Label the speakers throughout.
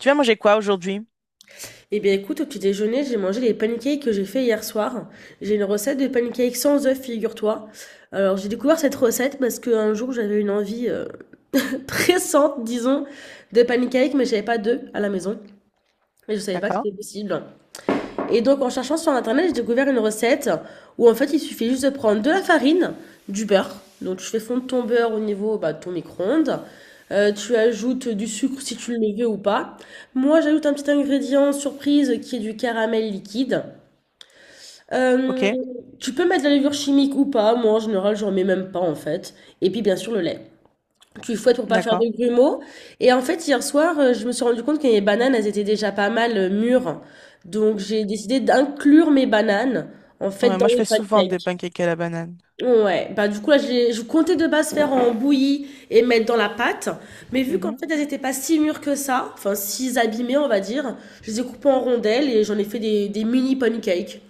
Speaker 1: Tu vas manger quoi aujourd'hui?
Speaker 2: Eh bien écoute, au petit déjeuner, j'ai mangé les pancakes que j'ai fait hier soir. J'ai une recette de pancakes sans œufs, figure-toi. Alors j'ai découvert cette recette parce qu'un jour j'avais une envie pressante, disons, de pancakes, mais j'avais pas d'œufs à la maison. Et je savais pas que c'était possible. Et donc en cherchant sur internet, j'ai découvert une recette où en fait il suffit juste de prendre de la farine, du beurre. Donc tu fais fondre ton beurre au niveau bah, de ton micro-ondes. Tu ajoutes du sucre si tu le veux ou pas. Moi j'ajoute un petit ingrédient surprise qui est du caramel liquide.
Speaker 1: Ok,
Speaker 2: Euh, Tu peux mettre de la levure chimique ou pas. Moi en général j'en mets même pas en fait. Et puis bien sûr le lait. Tu fouettes pour pas faire
Speaker 1: d'accord.
Speaker 2: de grumeaux. Et en fait, hier soir, je me suis rendu compte que mes bananes, elles étaient déjà pas mal mûres. Donc, j'ai décidé d'inclure mes bananes, en fait,
Speaker 1: Ouais,
Speaker 2: dans
Speaker 1: moi, je
Speaker 2: mes
Speaker 1: fais souvent des
Speaker 2: pancakes.
Speaker 1: pancakes à la banane.
Speaker 2: Ouais, bah du coup, là, je comptais de base faire en bouillie et mettre dans la pâte. Mais vu qu'en
Speaker 1: Mhm.
Speaker 2: fait, elles étaient pas si mûres que ça, enfin, si abîmées, on va dire, je les ai coupées en rondelles et j'en ai fait des mini pancakes.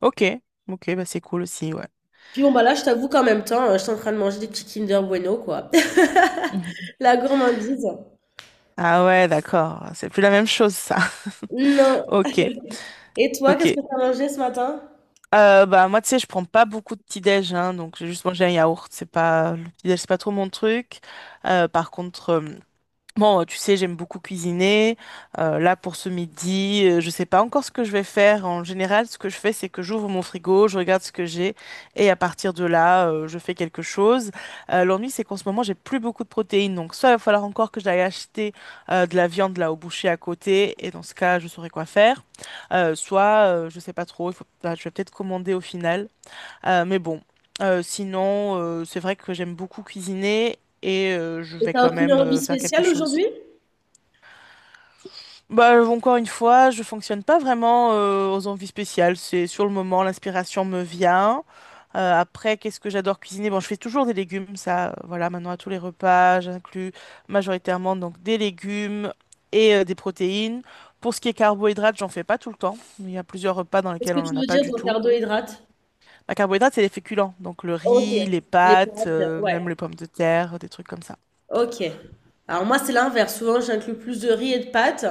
Speaker 1: Ok, ok, bah c'est cool aussi, ouais.
Speaker 2: Puis bon, bah là, je t'avoue qu'en même temps, je suis en train de manger des petits Kinder Bueno, quoi.
Speaker 1: Mhm.
Speaker 2: La gourmandise.
Speaker 1: Ah ouais, d'accord. C'est plus la même chose, ça.
Speaker 2: Non.
Speaker 1: Ok,
Speaker 2: Et toi,
Speaker 1: ok.
Speaker 2: qu'est-ce que tu as mangé ce matin?
Speaker 1: Bah moi, tu sais, je prends pas beaucoup de petit-déj, hein, donc j'ai juste mangé un yaourt. C'est pas le petit-déj, c'est pas trop mon truc. Par contre. Bon, tu sais, j'aime beaucoup cuisiner. Là, pour ce midi, je sais pas encore ce que je vais faire. En général, ce que je fais, c'est que j'ouvre mon frigo, je regarde ce que j'ai, et à partir de là, je fais quelque chose. L'ennui, c'est qu'en ce moment, j'ai plus beaucoup de protéines. Donc, soit il va falloir encore que j'aille acheter de la viande là au boucher à côté, et dans ce cas, je saurai quoi faire. Soit, je sais pas trop, il faut, bah, je vais peut-être commander au final. Mais bon, sinon, c'est vrai que j'aime beaucoup cuisiner, et je
Speaker 2: Et
Speaker 1: vais
Speaker 2: t'as
Speaker 1: quand
Speaker 2: aucune
Speaker 1: même
Speaker 2: envie
Speaker 1: faire quelque
Speaker 2: spéciale
Speaker 1: chose.
Speaker 2: aujourd'hui?
Speaker 1: Bah, encore une fois, je fonctionne pas vraiment aux envies spéciales. C'est sur le moment, l'inspiration me vient. Après, qu'est-ce que j'adore cuisiner? Bon, je fais toujours des légumes, ça, voilà, maintenant à tous les repas, j'inclus majoritairement donc des légumes et des protéines. Pour ce qui est carbohydrates, j'en fais pas tout le temps. Il y a plusieurs repas dans
Speaker 2: Qu'est-ce
Speaker 1: lesquels
Speaker 2: que
Speaker 1: on
Speaker 2: tu
Speaker 1: n'en a
Speaker 2: veux
Speaker 1: pas
Speaker 2: dire
Speaker 1: du
Speaker 2: ton
Speaker 1: tout.
Speaker 2: carbohydrate?
Speaker 1: La carbohydrate, c'est les féculents, donc le
Speaker 2: Ok,
Speaker 1: riz, les
Speaker 2: les
Speaker 1: pâtes,
Speaker 2: pâtes, ouais.
Speaker 1: même les pommes de terre, des trucs comme ça.
Speaker 2: Ok. Alors moi, c'est l'inverse. Souvent, j'inclus plus de riz et de pâtes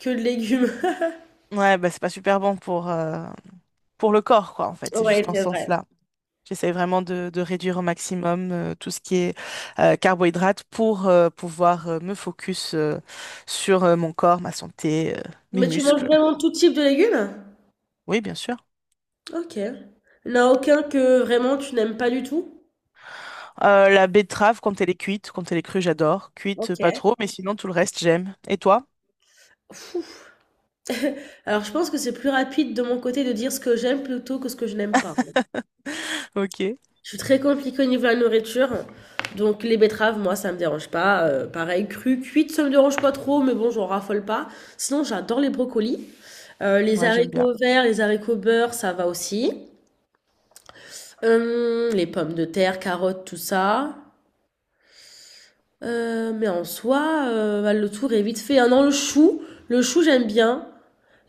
Speaker 2: que de légumes.
Speaker 1: Ouais, bah c'est pas super bon pour le corps, quoi, en fait, c'est
Speaker 2: Ouais,
Speaker 1: juste en
Speaker 2: c'est
Speaker 1: ce
Speaker 2: vrai.
Speaker 1: sens-là. J'essaie vraiment de, réduire au maximum tout ce qui est carbohydrate pour pouvoir me focus sur mon corps, ma santé, mes
Speaker 2: Mais tu manges
Speaker 1: muscles.
Speaker 2: vraiment tout type de légumes?
Speaker 1: Oui, bien sûr.
Speaker 2: Ok. Il n'y en a aucun que vraiment tu n'aimes pas du tout?
Speaker 1: La betterave, quand elle est cuite, quand elle est crue, j'adore. Cuite,
Speaker 2: Ok.
Speaker 1: pas trop, mais sinon tout le reste, j'aime. Et toi?
Speaker 2: Alors je pense que c'est plus rapide de mon côté de dire ce que j'aime plutôt que ce que je n'aime pas.
Speaker 1: Ok,
Speaker 2: Je suis très compliquée au niveau de la nourriture. Donc les betteraves, moi, ça me dérange pas. Pareil, crues, cuites, ça me dérange pas trop, mais bon, j'en raffole pas. Sinon, j'adore les brocolis. Les
Speaker 1: moi j'aime bien.
Speaker 2: haricots verts, les haricots beurre, ça va aussi. Les pommes de terre, carottes, tout ça. Mais en soi, bah, le tour est vite fait. Ah non, le chou j'aime bien.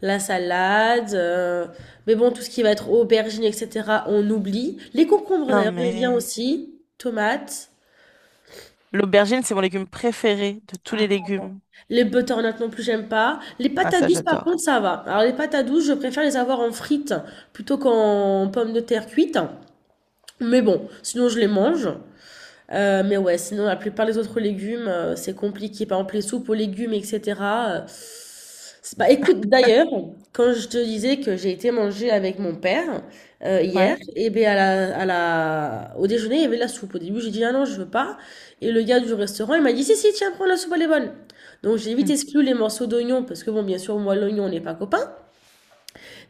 Speaker 2: La salade, mais bon, tout ce qui va être aubergine, etc., on oublie. Les concombres
Speaker 1: Non,
Speaker 2: d'ailleurs, j'aime bien
Speaker 1: mais
Speaker 2: aussi. Tomates.
Speaker 1: l'aubergine, c'est mon légume préféré de tous
Speaker 2: Ah,
Speaker 1: les
Speaker 2: pardon.
Speaker 1: légumes.
Speaker 2: Les butternut non plus, j'aime pas. Les
Speaker 1: Ah,
Speaker 2: patates
Speaker 1: ça,
Speaker 2: douces, par contre,
Speaker 1: j'adore.
Speaker 2: ça va. Alors, les patates douces, je préfère les avoir en frites plutôt qu'en pommes de terre cuites. Mais bon, sinon, je les mange. Mais ouais, sinon la plupart des autres légumes, c'est compliqué. Par exemple, les soupes aux légumes et cetera, c'est bah, écoute, d'ailleurs, quand je te disais que j'ai été manger avec mon père, hier
Speaker 1: Ouais.
Speaker 2: et beh, à la au déjeuner, il y avait de la soupe. Au début, j'ai dit: «Ah non, je veux pas» et le gars du restaurant, il m'a dit: «Si, si, tiens, prends la soupe, elle est bonne». Donc j'ai vite
Speaker 1: Mm.
Speaker 2: exclu les morceaux d'oignon parce que bon, bien sûr, moi, l'oignon, on n'est pas copains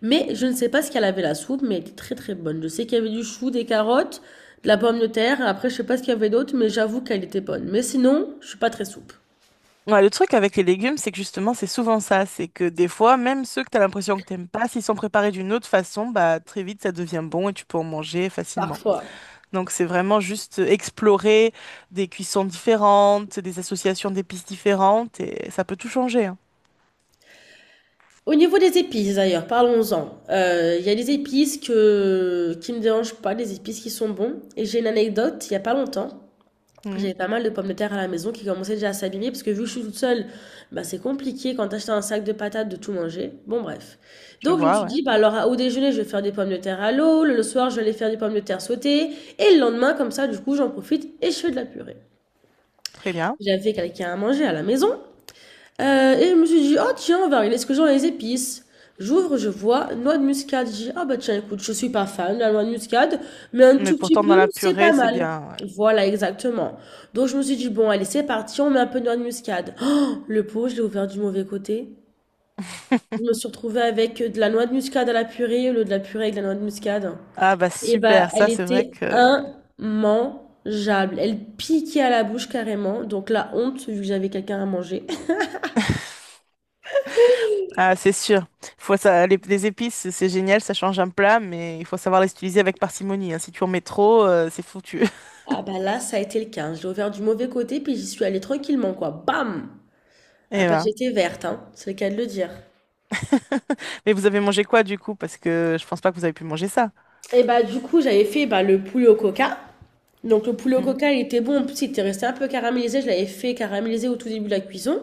Speaker 2: mais je ne sais pas ce qu'elle avait la soupe, mais elle était très très bonne. Je sais qu'il y avait du chou, des carottes, de la pomme de terre. Après, je sais pas ce qu'il y avait d'autre, mais j'avoue qu'elle était bonne. Mais sinon, je suis pas très soupe.
Speaker 1: Ouais, le truc avec les légumes, c'est que justement, c'est souvent ça. C'est que des fois, même ceux que tu as l'impression que t'aimes pas, s'ils sont préparés d'une autre façon, bah très vite, ça devient bon et tu peux en manger facilement.
Speaker 2: Parfois.
Speaker 1: Donc, c'est vraiment juste explorer des cuissons différentes, des associations d'épices différentes et ça peut tout changer, hein.
Speaker 2: Au niveau des épices d'ailleurs, parlons-en. Il y a des épices que qui ne me dérangent pas, des épices qui sont bons. Et j'ai une anecdote. Il y a pas longtemps,
Speaker 1: Mhm.
Speaker 2: j'avais pas mal de pommes de terre à la maison qui commençaient déjà à s'abîmer parce que vu que je suis toute seule, bah c'est compliqué quand t'achètes un sac de patates de tout manger. Bon bref.
Speaker 1: Je
Speaker 2: Donc je me
Speaker 1: vois,
Speaker 2: suis
Speaker 1: ouais.
Speaker 2: dit, bah alors au déjeuner, je vais faire des pommes de terre à l'eau, le soir, je vais aller faire des pommes de terre sautées, et le lendemain, comme ça, du coup, j'en profite et je fais de la purée.
Speaker 1: Très bien.
Speaker 2: J'avais quelqu'un à manger à la maison, et je me suis dit, oh tiens, on va regarder ce que j'ai dans les épices. J'ouvre, je vois noix de muscade. Je dis, ah bah tiens, écoute, je suis pas fan de la noix de muscade, mais un
Speaker 1: Mais
Speaker 2: tout petit
Speaker 1: pourtant, dans
Speaker 2: peu,
Speaker 1: la
Speaker 2: c'est
Speaker 1: purée,
Speaker 2: pas
Speaker 1: c'est
Speaker 2: mal.
Speaker 1: bien, ouais.
Speaker 2: Voilà, exactement. Donc je me suis dit, bon, allez, c'est parti, on met un peu de noix de muscade. Oh, le pot, je l'ai ouvert du mauvais côté. Je me suis retrouvée avec de la noix de muscade à la purée au lieu de la purée avec de la noix de muscade.
Speaker 1: Ah bah
Speaker 2: Et bah,
Speaker 1: super,
Speaker 2: elle
Speaker 1: ça c'est vrai
Speaker 2: était
Speaker 1: que…
Speaker 2: immangeable. Elle piquait à la bouche carrément. Donc la honte, vu que j'avais quelqu'un à manger.
Speaker 1: Ah c'est sûr. Faut ça… les épices, c'est génial, ça change un plat, mais il faut savoir les utiliser avec parcimonie, hein. Si tu en mets trop, c'est foutu.
Speaker 2: Ah bah là, ça a été le cas. Hein. Je l'ai ouvert du mauvais côté, puis j'y suis allée tranquillement, quoi. Bam! Ah
Speaker 1: Et
Speaker 2: bah
Speaker 1: ben.
Speaker 2: j'étais verte, hein. C'est le cas de le dire.
Speaker 1: Mais vous avez mangé quoi du coup? Parce que je pense pas que vous avez pu manger ça.
Speaker 2: Et bah du coup, j'avais fait bah, le poulet au coca. Donc le poulet au
Speaker 1: Mhm.
Speaker 2: coca, il était bon. En plus, il était resté un peu caramélisé. Je l'avais fait caraméliser au tout début de la cuisson.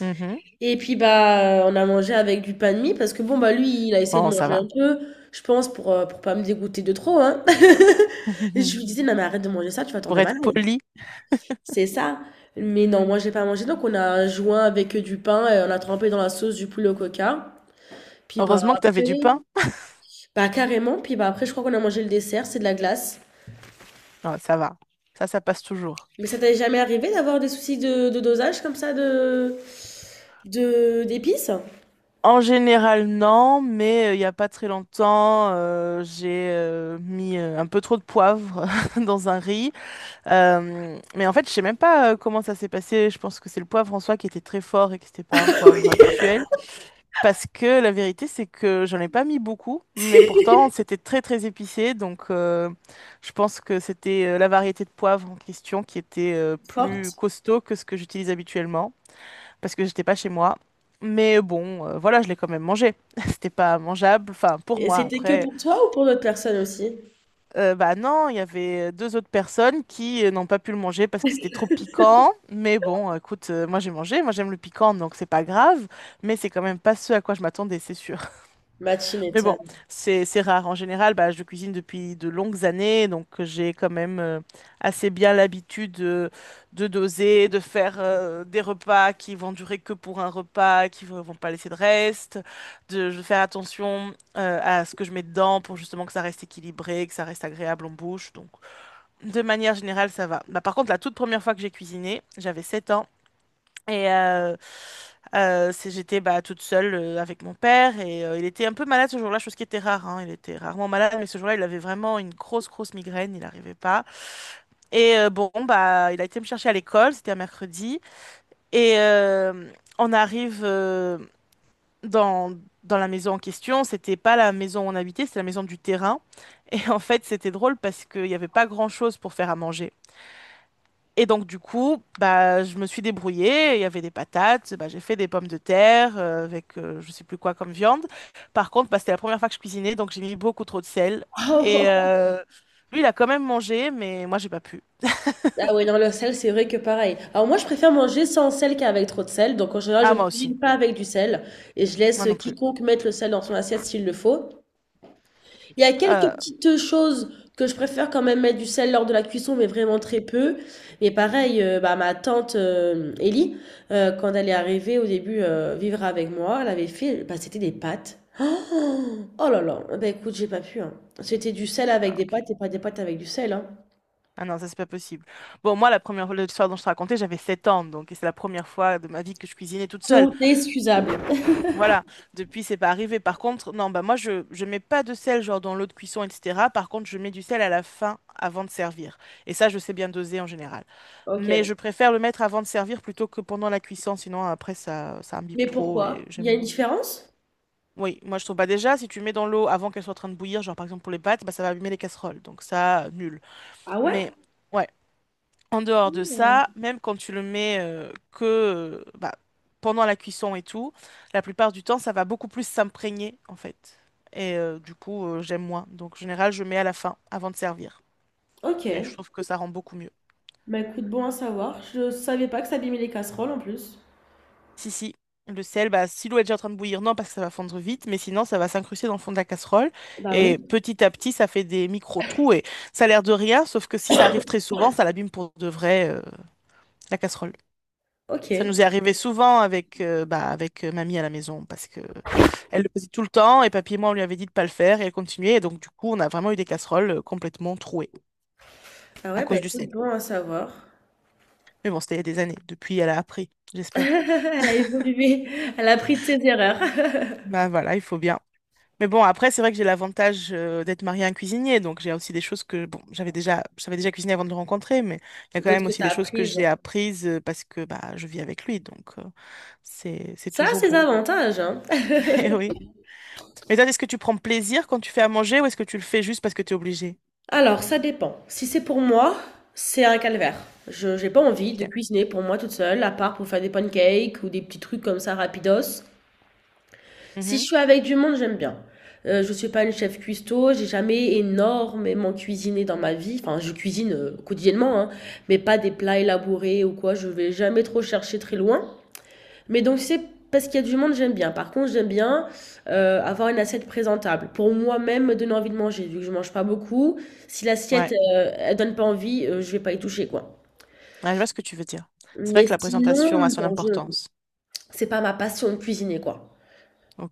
Speaker 1: Mhm.
Speaker 2: Et puis bah on a mangé avec du pain de mie parce que bon bah lui, il a essayé de
Speaker 1: Bon, ça
Speaker 2: manger un
Speaker 1: va.
Speaker 2: peu, je pense pour pas me dégoûter de trop, hein. Et je lui disais non mais arrête de manger ça, tu vas
Speaker 1: Pour
Speaker 2: tomber
Speaker 1: être
Speaker 2: malade.
Speaker 1: poli,
Speaker 2: C'est ça. Mais non, moi j'ai pas mangé. Donc on a joint avec du pain et on a trempé dans la sauce du poulet au coca. Puis bah
Speaker 1: heureusement que t'avais
Speaker 2: après,
Speaker 1: du pain.
Speaker 2: bah carrément. Puis bah après, je crois qu'on a mangé le dessert, c'est de la glace.
Speaker 1: Ah, ça va. Ça passe toujours.
Speaker 2: Mais ça t'est jamais arrivé d'avoir des soucis de dosage comme ça de d'épices
Speaker 1: En général, non, mais il y n'y a pas très longtemps, j'ai mis un peu trop de poivre dans un riz. Mais en fait, je sais même pas comment ça s'est passé. Je pense que c'est le poivre en soi qui était très fort et que c'était pas un poivre habituel. Parce que la vérité, c'est que j'en ai pas mis beaucoup, mais pourtant, c'était très très épicé. Donc, je pense que c'était la variété de poivre en question qui était plus
Speaker 2: fortes?
Speaker 1: costaud que ce que j'utilise habituellement parce que j'étais pas chez moi. Mais bon, voilà, je l'ai quand même mangé. C'était pas mangeable, enfin pour
Speaker 2: Et
Speaker 1: moi.
Speaker 2: c'était que
Speaker 1: Après,
Speaker 2: pour toi ou pour d'autres personnes aussi?
Speaker 1: bah non, il y avait deux autres personnes qui n'ont pas pu le manger parce que c'était trop piquant. Mais bon, écoute, moi j'ai mangé, moi j'aime le piquant, donc c'est pas grave. Mais c'est quand même pas ce à quoi je m'attendais, c'est sûr.
Speaker 2: Matchy
Speaker 1: Mais bon,
Speaker 2: nathan
Speaker 1: c'est rare. En général, bah, je cuisine depuis de longues années, donc j'ai quand même assez bien l'habitude de, doser, de faire des repas qui vont durer que pour un repas, qui ne vont pas laisser de reste, de, je faire attention à ce que je mets dedans pour justement que ça reste équilibré, que ça reste agréable en bouche. Donc, de manière générale, ça va. Bah, par contre, la toute première fois que j'ai cuisiné, j'avais 7 ans. Et j'étais bah, toute seule avec mon père et il était un peu malade ce jour-là, chose qui était rare, hein. Il était rarement malade, mais ce jour-là, il avait vraiment une grosse, grosse migraine. Il n'arrivait pas. Bon, bah, il a été me chercher à l'école. C'était un mercredi. Et on arrive dans, dans la maison en question. C'était pas la maison où on habitait, c'était la maison du terrain. Et en fait, c'était drôle parce qu'il n'y avait pas grand-chose pour faire à manger. Et donc, du coup, bah, je me suis débrouillée. Il y avait des patates, bah, j'ai fait des pommes de terre avec je sais plus quoi comme viande. Par contre, bah, c'était la première fois que je cuisinais, donc j'ai mis beaucoup trop de sel. Et lui, il a quand même mangé, mais moi, j'ai pas pu.
Speaker 2: Ah oui, non, le sel, c'est vrai que pareil. Alors moi, je préfère manger sans sel qu'avec trop de sel. Donc en général, je
Speaker 1: Ah,
Speaker 2: ne
Speaker 1: moi aussi.
Speaker 2: cuisine pas avec du sel et je laisse
Speaker 1: Moi non plus.
Speaker 2: quiconque mettre le sel dans son assiette s'il le faut. Il y a quelques
Speaker 1: Euh,
Speaker 2: petites choses que je préfère quand même mettre du sel lors de la cuisson, mais vraiment très peu. Mais pareil, bah, ma tante Ellie, quand elle est arrivée au début vivre avec moi, elle avait fait, bah, c'était des pâtes. Oh, oh là là, bah écoute, j'ai pas pu. Hein. C'était du sel avec
Speaker 1: Ah,
Speaker 2: des
Speaker 1: ok.
Speaker 2: pâtes et pas des pâtes avec du sel. Hein.
Speaker 1: Ah non, ça, c'est pas possible. Bon, moi, la première fois, l'histoire dont je te racontais, j'avais 7 ans, donc et c'est la première fois de ma vie que je cuisinais toute seule.
Speaker 2: Donc, excusable.
Speaker 1: Voilà, depuis c'est pas arrivé. Par contre, non, bah moi je mets pas de sel genre dans l'eau de cuisson, etc. Par contre, je mets du sel à la fin avant de servir. Et ça, je sais bien doser en général. Mais je
Speaker 2: Ok.
Speaker 1: préfère le mettre avant de servir plutôt que pendant la cuisson, sinon après ça imbibe
Speaker 2: Mais
Speaker 1: trop et
Speaker 2: pourquoi? Il y a
Speaker 1: j'aime
Speaker 2: une
Speaker 1: moins.
Speaker 2: différence?
Speaker 1: Oui, moi je trouve pas déjà si tu mets dans l'eau avant qu'elle soit en train de bouillir, genre par exemple pour les pâtes, bah ça va abîmer les casseroles. Donc ça, nul.
Speaker 2: Ah
Speaker 1: Mais
Speaker 2: ouais?
Speaker 1: ouais. En dehors de ça, même quand tu le mets, pendant la cuisson et tout, la plupart du temps, ça va beaucoup plus s'imprégner en fait. Et du coup, j'aime moins. Donc, en général, je mets à la fin, avant de servir.
Speaker 2: Ok.
Speaker 1: Et je trouve que ça rend beaucoup mieux.
Speaker 2: Bah écoute, bon à savoir. Je savais pas que ça abîmait les casseroles en plus.
Speaker 1: Si, si, le sel, bah, si l'eau est déjà en train de bouillir, non, parce que ça va fondre vite, mais sinon, ça va s'incruster dans le fond de la casserole.
Speaker 2: Bah
Speaker 1: Et
Speaker 2: oui.
Speaker 1: petit à petit, ça fait des micro-trous. Et ça a l'air de rien, sauf que si ça arrive très souvent, ça l'abîme pour de vrai, la casserole.
Speaker 2: Ok.
Speaker 1: Ça nous est arrivé souvent avec, bah, avec mamie à la maison parce que elle le faisait tout le temps et papy et moi on lui avait dit de pas le faire et elle continuait et donc du coup on a vraiment eu des casseroles complètement trouées
Speaker 2: Ah
Speaker 1: à
Speaker 2: ouais, bah
Speaker 1: cause du
Speaker 2: écoute,
Speaker 1: sel.
Speaker 2: bon à savoir.
Speaker 1: Mais bon, c'était il y a des années. Depuis, elle a appris, j'espère.
Speaker 2: Elle a évolué, elle a appris de ses erreurs.
Speaker 1: Bah voilà, il faut bien. Mais bon, après c'est vrai que j'ai l'avantage d'être mariée à un cuisinier donc j'ai aussi des choses que bon, j'avais déjà cuisiné avant de le rencontrer mais il y a quand
Speaker 2: D'autres
Speaker 1: même
Speaker 2: que
Speaker 1: aussi
Speaker 2: t'as
Speaker 1: des choses que
Speaker 2: apprises.
Speaker 1: j'ai apprises parce que bah je vis avec lui donc c'est
Speaker 2: Ça a
Speaker 1: toujours
Speaker 2: ses
Speaker 1: bon.
Speaker 2: avantages, hein.
Speaker 1: Et oui. Et toi, est-ce que tu prends plaisir quand tu fais à manger ou est-ce que tu le fais juste parce que tu es obligé?
Speaker 2: Alors, ça dépend. Si c'est pour moi, c'est un calvaire. J'ai pas envie de
Speaker 1: Ok.
Speaker 2: cuisiner pour moi toute seule, à part pour faire des pancakes ou des petits trucs comme ça rapidos. Si je
Speaker 1: Mhm.
Speaker 2: suis avec du monde, j'aime bien. Je suis pas une chef cuistot, j'ai jamais énormément cuisiné dans ma vie. Enfin, je cuisine quotidiennement, hein, mais pas des plats élaborés ou quoi. Je vais jamais trop chercher très loin. Mais donc c'est parce qu'il y a du monde, j'aime bien. Par contre, j'aime bien avoir une assiette présentable. Pour moi-même, me donner envie de manger, vu que je mange pas beaucoup. Si l'assiette,
Speaker 1: Ouais.
Speaker 2: elle donne pas envie, je vais pas y toucher, quoi.
Speaker 1: Ouais, je vois ce que tu veux dire. C'est vrai
Speaker 2: Mais
Speaker 1: que la
Speaker 2: sinon,
Speaker 1: présentation a son
Speaker 2: non, je...
Speaker 1: importance.
Speaker 2: c'est pas ma passion de cuisiner, quoi.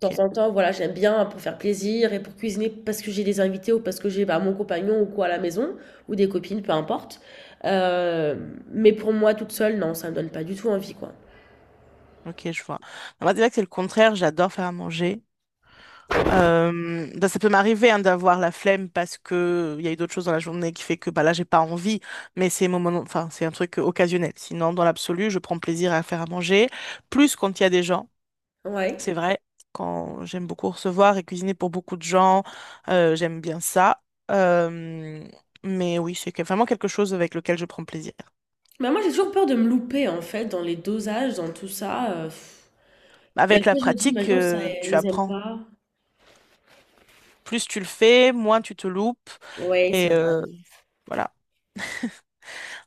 Speaker 2: De temps en temps, voilà, j'aime bien pour faire plaisir et pour cuisiner parce que j'ai des invités ou parce que j'ai bah, mon compagnon ou quoi à la maison, ou des copines, peu importe. Euh, mais pour moi, toute seule, non, ça me donne pas du tout envie, quoi.
Speaker 1: Ok, je vois. Moi, c'est vrai que c'est le contraire. J'adore faire à manger. Bah, ça peut m'arriver hein, d'avoir la flemme parce que il y a eu d'autres choses dans la journée qui fait que bah là j'ai pas envie. Mais c'est moment, enfin c'est un truc occasionnel. Sinon, dans l'absolu, je prends plaisir à faire à manger. Plus quand il y a des gens.
Speaker 2: Ouais.
Speaker 1: C'est vrai, quand j'aime beaucoup recevoir et cuisiner pour beaucoup de gens, j'aime bien ça. Euh, mais oui, vraiment quelque chose avec lequel je prends plaisir.
Speaker 2: Mais moi, j'ai toujours peur de me louper, en fait, dans les dosages, dans tout ça. Pff. Et
Speaker 1: Avec la
Speaker 2: après, je me dis,
Speaker 1: pratique,
Speaker 2: imagine, ça,
Speaker 1: tu
Speaker 2: ils aiment
Speaker 1: apprends.
Speaker 2: pas.
Speaker 1: Plus tu le fais, moins tu te loupes.
Speaker 2: Ouais, c'est
Speaker 1: Et
Speaker 2: vrai.
Speaker 1: voilà.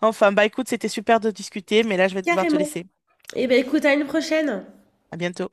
Speaker 1: Enfin, bah écoute, c'était super de discuter, mais là, je vais devoir te
Speaker 2: Carrément.
Speaker 1: laisser.
Speaker 2: Eh ben, écoute, à une prochaine.
Speaker 1: À bientôt.